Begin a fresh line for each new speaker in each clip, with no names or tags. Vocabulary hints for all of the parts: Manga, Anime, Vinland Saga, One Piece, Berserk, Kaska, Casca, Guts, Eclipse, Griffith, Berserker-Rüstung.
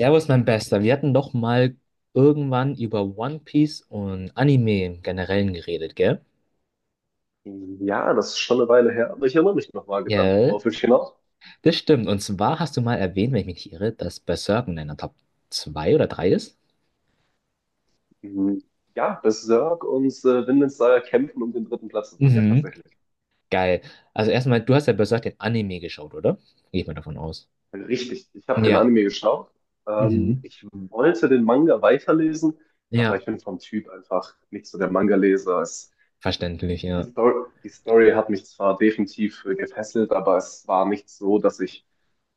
Servus, mein Bester. Wir hatten doch mal irgendwann über One Piece und Anime im Generellen geredet, gell?
Ja, das ist schon eine Weile her, aber ich erinnere mich noch vage dran.
Ja,
Worauf will ich hinaus?
das stimmt. Und zwar hast du mal erwähnt, wenn ich mich nicht irre, dass Berserk in deiner Top 2 oder drei ist.
Mhm. Ja, Berserk und Vinland Saga kämpfen um den dritten Platz bei mir
Mhm.
tatsächlich.
Geil. Also erstmal, du hast ja Berserk den Anime geschaut, oder? Gehe ich mal davon aus.
Richtig, ich habe den
Ja.
Anime geschaut.
Mhm.
Ich wollte den Manga weiterlesen, aber
Ja.
ich bin vom Typ einfach nicht so der Manga-Leser. Es-
Verständlich,
Die
ja.
Story, die Story hat mich zwar definitiv gefesselt, aber es war nicht so, dass ich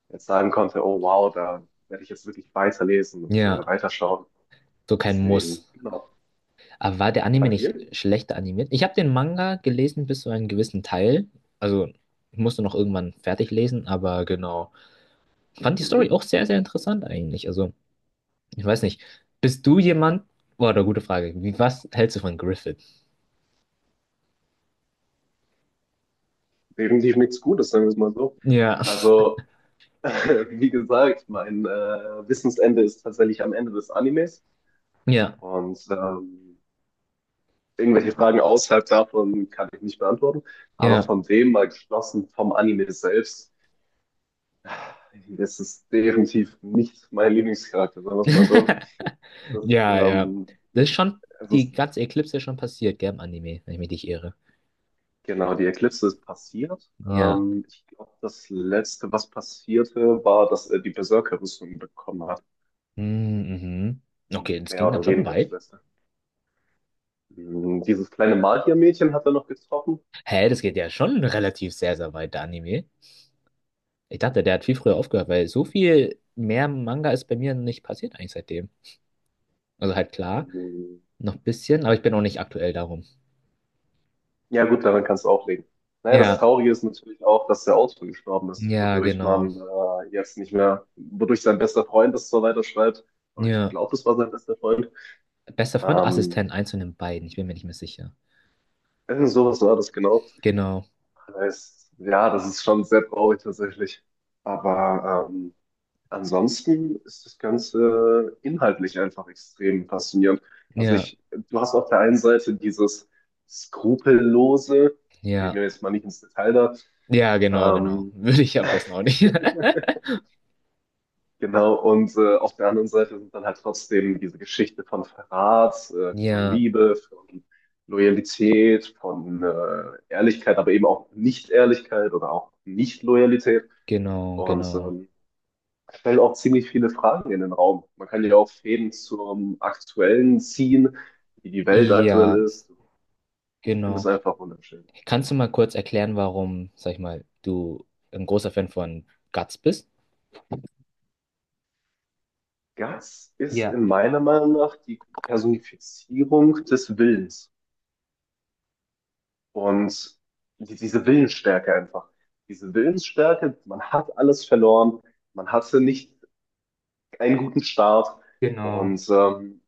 jetzt sagen konnte, oh wow, da werde ich jetzt wirklich weiterlesen und
Ja.
weiterschauen.
So kein
Deswegen,
Muss.
genau.
Aber war der Anime
Bei
nicht
dir?
schlechter animiert? Ich habe den Manga gelesen bis zu einem gewissen Teil. Also, ich musste noch irgendwann fertig lesen, aber genau. Fand die Story
Mhm.
auch sehr, sehr interessant eigentlich. Also, ich weiß nicht. Bist du jemand? Boah, eine gute Frage. Wie, was hältst du von Griffith?
Definitiv nichts Gutes, sagen wir es mal so.
Ja,
Also, wie gesagt, mein Wissensende ist tatsächlich am Ende des Animes
ja,
und irgendwelche Fragen außerhalb davon kann ich nicht beantworten. Aber
ja.
von dem mal geschlossen, vom Anime selbst, das ist definitiv nicht mein Lieblingscharakter, sagen wir es mal so. Das,
Ja, ja. Das ist
ich,
schon,
es
die
ist,
ganze Eclipse ist schon passiert, gell, im Anime, wenn ich mich nicht irre.
Genau, die Eclipse ist passiert.
Ja.
Ich glaube, das Letzte, was passierte, war, dass er die Berserker-Rüstung bekommen hat.
Mm, mhm. Okay, das
Mehr
ging dann
oder
schon
weniger das
weit.
Beste. Dieses kleine Magiermädchen hat er noch getroffen.
Hä, das geht ja schon relativ sehr, sehr weit, der Anime. Ich dachte, der hat viel früher aufgehört, weil so viel mehr Manga ist bei mir nicht passiert eigentlich seitdem. Also halt klar,
Hm.
noch ein bisschen, aber ich bin auch nicht aktuell darum.
Ja gut, daran kannst du auch legen. Naja, das
Ja,
Traurige ist natürlich auch, dass der Autor gestorben ist,
ja,
wodurch
genau.
man jetzt nicht mehr, wodurch sein bester Freund das zwar weiterschreibt, aber ich
Ja,
glaube, das war sein bester Freund.
bester Freund,
Ähm,
Assistent, eins von den beiden, ich bin mir nicht mehr sicher.
irgend sowas war das genau.
Genau,
Das heißt, ja, das ist schon sehr traurig tatsächlich. Aber ansonsten ist das Ganze inhaltlich einfach extrem faszinierend. Also
ja,
ich, du hast auf der einen Seite dieses Skrupellose, gehen
ja,
wir jetzt mal nicht ins Detail da,
ja, genau, genau.
ähm,
Würde ich am besten auch nicht.
genau, und auf der anderen Seite sind dann halt trotzdem diese Geschichte von Verrat, von
Ja,
Liebe, von Loyalität, von Ehrlichkeit, aber eben auch Nicht-Ehrlichkeit oder auch Nicht-Loyalität.
genau,
Und
genau.
stelle auch ziemlich viele Fragen in den Raum. Man kann ja auch Fäden zum Aktuellen ziehen, wie die Welt aktuell
Ja,
ist. Ich finde es
genau.
einfach wunderschön.
Kannst du mal kurz erklären, warum, sag ich mal, du ein großer Fan von Guts bist?
Guts ist
Ja,
in meiner Meinung nach die Personifizierung des Willens und diese Willensstärke einfach. Diese Willensstärke, man hat alles verloren, man hatte nicht einen guten Start
genau.
und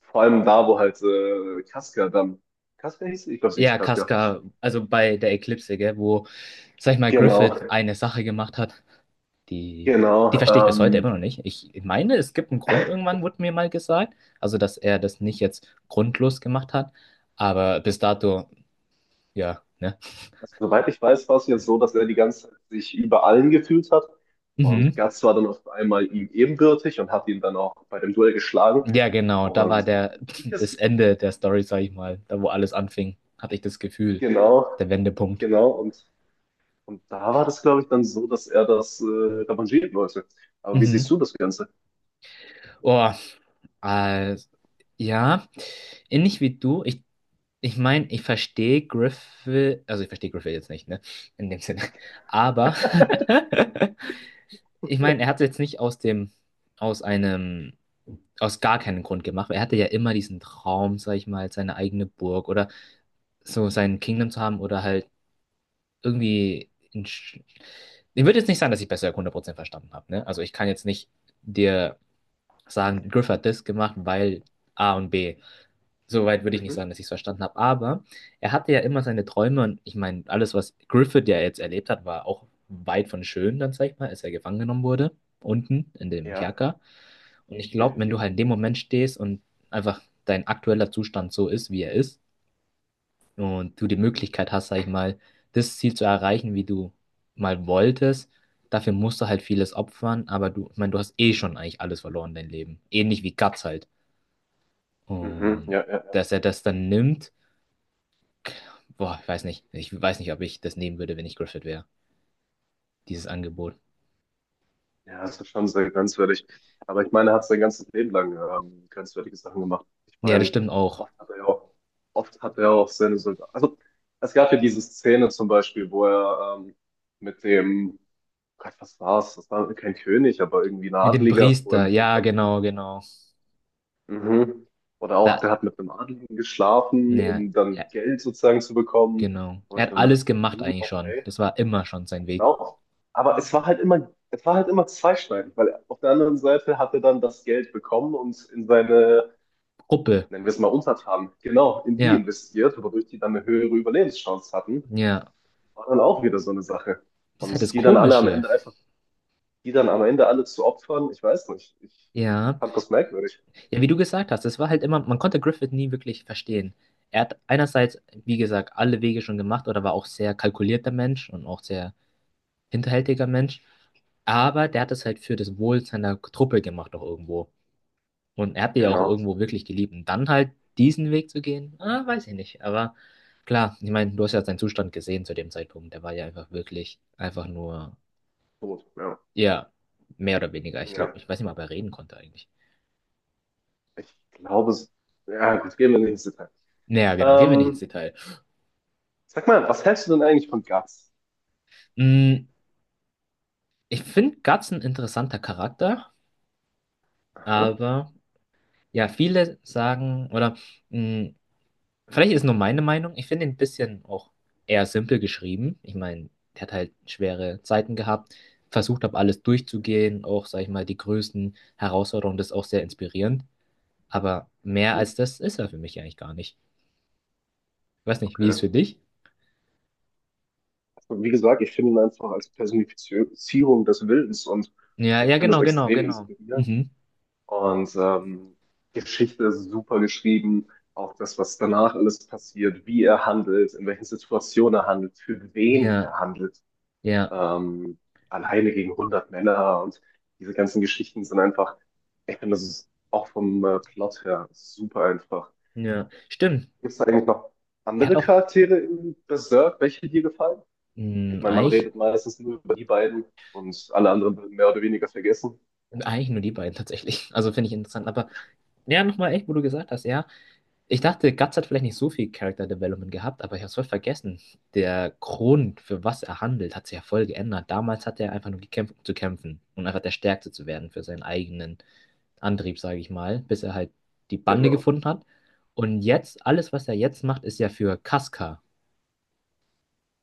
vor allem da, wo halt Kaska dann, Kaska hieß, sie? Ich glaube, sie hieß
Ja,
Kaska.
Casca, also bei der Eklipse, gell, wo, sag ich mal,
Genau,
Griffith eine Sache gemacht hat, die, die
genau.
verstehe ich bis heute immer noch nicht. Ich meine, es gibt einen Grund, irgendwann wurde mir mal gesagt, also dass er das nicht jetzt grundlos gemacht hat, aber bis dato, ja, ne?
Also, soweit ich weiß, war es jetzt so, dass er die ganze Zeit sich über allen gefühlt hat. Und
Mhm.
Guts war dann auf einmal ihm ebenbürtig und hat ihn dann auch bei dem Duell geschlagen.
Ja, genau, da
Und
war
so
der,
wie ich
das
es,
Ende der Story, sag ich mal, da wo alles anfing, hatte ich das Gefühl,
genau,
der Wendepunkt.
genau. Und da war das, glaube ich, dann so, dass er das revanchieren wollte. Aber wie siehst
Mhm.
du das Ganze?
Oh, äh, ja, ähnlich wie du. Ich meine, ich verstehe Griffith, also ich verstehe Griffith jetzt nicht, ne? In dem Sinne. Aber ich meine, er hat es jetzt nicht aus dem, aus einem, aus gar keinem Grund gemacht. Er hatte ja immer diesen Traum, sag ich mal, seine eigene Burg oder so sein Kingdom zu haben oder halt irgendwie. Ich würde jetzt nicht sagen, dass ich besser 100% verstanden habe, ne? Also ich kann jetzt nicht dir sagen, Griffith hat das gemacht, weil A und B. Soweit würde ich nicht
Mhm.
sagen, dass ich es verstanden habe. Aber er hatte ja immer seine Träume und ich meine, alles, was Griffith ja jetzt erlebt hat, war auch weit von schön, dann sag ich mal, als er gefangen genommen wurde, unten in dem
Ja,
Kerker. Und ich glaube, wenn
definitiv.
du halt in dem Moment stehst und einfach dein aktueller Zustand so ist, wie er ist, und du die
Mhm.
Möglichkeit hast, sag ich mal, das Ziel zu erreichen, wie du mal wolltest, dafür musst du halt vieles opfern, aber du, ich meine, du hast eh schon eigentlich alles verloren, dein Leben. Ähnlich wie Guts halt.
Mhm.
Und
Ja, ja.
dass er das dann nimmt. Boah, ich weiß nicht. Ich weiß nicht, ob ich das nehmen würde, wenn ich Griffith wäre. Dieses Angebot.
Ja, das ist schon sehr grenzwertig. Aber ich meine, er hat sein ganzes Leben lang grenzwertige Sachen gemacht. Ich
Ja, das
meine,
stimmt auch.
oft hat er ja auch, oft hat er auch seine Soldaten. Also, es gab ja diese Szene zum Beispiel, wo er mit dem, Gott, was war's? Das war kein König, aber irgendwie ein
Mit dem
Adliger, wo er
Priester.
mit dem
Ja,
dann.
genau, genau.
Mhm. Oder auch,
Da,
der hat mit einem Adligen geschlafen,
ja,
um dann
ja,
Geld sozusagen zu bekommen.
genau.
Wo
Er
ich
hat
mir
alles
dachte,
gemacht
hm,
eigentlich schon.
okay.
Das war immer schon sein Weg.
Genau. Aber es war halt immer zweischneidend, weil auf der anderen Seite hat er dann das Geld bekommen und in seine,
Gruppe.
nennen wir es mal Untertanen, genau, in die
Ja,
investiert, wodurch die dann eine höhere Überlebenschance hatten.
ja.
War dann auch wieder so eine Sache.
Das ist halt
Und
das Komische.
Die dann am Ende alle zu opfern, ich weiß nicht. Ich
Ja.
fand das merkwürdig.
Ja, wie du gesagt hast, das war halt immer, man konnte Griffith nie wirklich verstehen. Er hat einerseits, wie gesagt, alle Wege schon gemacht oder war auch sehr kalkulierter Mensch und auch sehr hinterhältiger Mensch, aber der hat es halt für das Wohl seiner Truppe gemacht auch irgendwo. Und er hat die ja auch
Genau.
irgendwo wirklich geliebt. Und dann halt diesen Weg zu gehen, ah, weiß ich nicht. Aber klar, ich meine, du hast ja seinen Zustand gesehen zu dem Zeitpunkt. Der war ja einfach wirklich, einfach nur,
Tot, ja.
ja, mehr oder weniger. Ich glaube,
Ja.
ich weiß nicht mal, ob er reden konnte eigentlich.
Ich glaube es. Ja, gut, gehen wir nicht ins Detail.
Naja, genau, gehen wir nicht ins
Ähm,
Detail.
sag mal, was hältst du denn eigentlich von Guts?
Mm, Ich finde Guts ein interessanter Charakter,
Aha.
aber ja, viele sagen, oder mm, Vielleicht ist nur meine Meinung. Ich finde ihn ein bisschen auch eher simpel geschrieben. Ich meine, der hat halt schwere Zeiten gehabt, versucht habe, alles durchzugehen, auch, sag ich mal, die größten Herausforderungen, das ist auch sehr inspirierend. Aber mehr
Mhm.
als das ist er für mich eigentlich gar nicht. Ich weiß nicht, wie ist es
Okay.
für dich?
Und wie gesagt, ich finde ihn einfach als Personifizierung des Wildens und
Ja,
ich
ja,
finde das
genau, genau,
extrem
genau.
inspirierend.
Mhm.
Und Geschichte ist super geschrieben, auch das, was danach alles passiert, wie er handelt, in welchen Situationen er handelt, für wen
Ja,
er handelt,
ja,
ähm, alleine gegen 100 Männer und diese ganzen Geschichten sind einfach, ich finde, das ist auch vom Plot her super einfach.
ja. Stimmt.
Gibt es da eigentlich noch
Er hat
andere
auch
Charaktere in Berserk, welche dir gefallen? Ich
mh,
meine, man
eigentlich,
redet meistens nur über die beiden und alle anderen werden mehr oder weniger vergessen.
eigentlich nur die beiden tatsächlich. Also finde ich interessant. Aber ja, nochmal echt, wo du gesagt hast, ja. Ich dachte, Guts hat vielleicht nicht so viel Character Development gehabt, aber ich habe es voll vergessen. Der Grund, für was er handelt, hat sich ja voll geändert. Damals hat er einfach nur gekämpft, um zu kämpfen und einfach der Stärkste zu werden für seinen eigenen Antrieb, sage ich mal, bis er halt die Bande
Genau.
gefunden hat. Und jetzt, alles, was er jetzt macht, ist ja für Casca.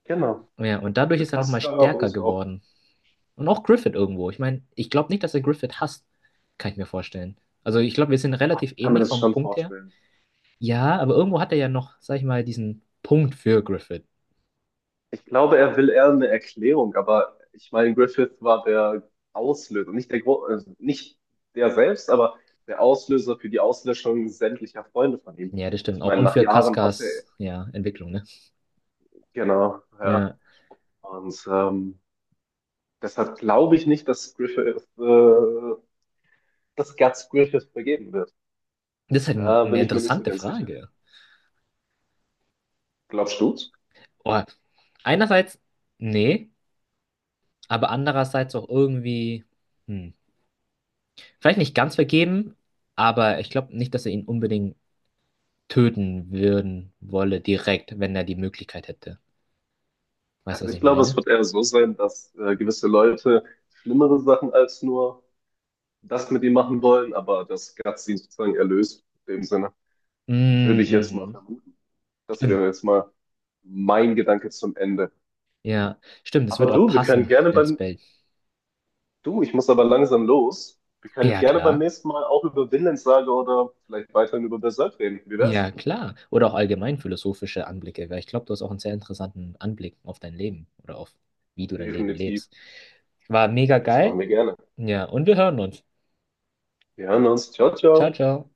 Genau.
Ja, und dadurch
Für
ist er nochmal
Kaska
stärker
und auch,
geworden. Und auch Griffith irgendwo. Ich meine, ich glaube nicht, dass er Griffith hasst, kann ich mir vorstellen. Also ich glaube, wir sind
ach,
relativ
ich kann mir
ähnlich
das
vom
schon
Punkt her.
vorstellen.
Ja, aber irgendwo hat er ja noch, sag ich mal, diesen Punkt für Griffith.
Ich glaube, er will eher eine Erklärung, aber ich meine, Griffith war der Auslöser, nicht der, Gro also nicht der selbst, aber der Auslöser für die Auslöschung sämtlicher Freunde von ihm.
Ja, das stimmt
Ich
auch.
meine,
Und
nach
für
Jahren hatte er,
Kaskas, ja, Entwicklung, ne?
genau, ja.
Ja.
Und deshalb glaube ich nicht, dass Guts Griffith vergeben wird.
Das ist halt ein,
Da
eine
bin ich mir nicht so
interessante
ganz sicher.
Frage.
Glaubst du's?
Oh, einerseits, nee, aber andererseits auch irgendwie, hm, vielleicht nicht ganz vergeben, aber ich glaube nicht, dass er ihn unbedingt töten würden wolle, direkt, wenn er die Möglichkeit hätte. Weißt du,
Also
was
ich
ich
glaube, es
meine?
wird eher so sein, dass gewisse Leute schlimmere Sachen als nur das mit ihm machen wollen, aber dass Gott sie sozusagen erlöst. In dem Sinne würde
Mm,
ich jetzt mal
mhm.
vermuten. Das wäre
Stimmt.
jetzt mal mein Gedanke zum Ende.
Ja, stimmt, das
Aber
wird auch
du, wir können
passen
gerne
ins
beim,
Bild.
du, ich muss aber langsam los. Wir können
Ja,
gerne beim
klar.
nächsten Mal auch über Vinland-Saga oder vielleicht weiterhin über Berserk reden. Wie wär's?
Ja, klar. Oder auch allgemein philosophische Anblicke, weil ich glaube, du hast auch einen sehr interessanten Anblick auf dein Leben oder auf wie du dein Leben
Definitiv.
lebst. War mega
Das
geil.
machen wir gerne.
Ja, und wir hören uns.
Wir hören uns. Ciao,
Ciao,
ciao.
ciao.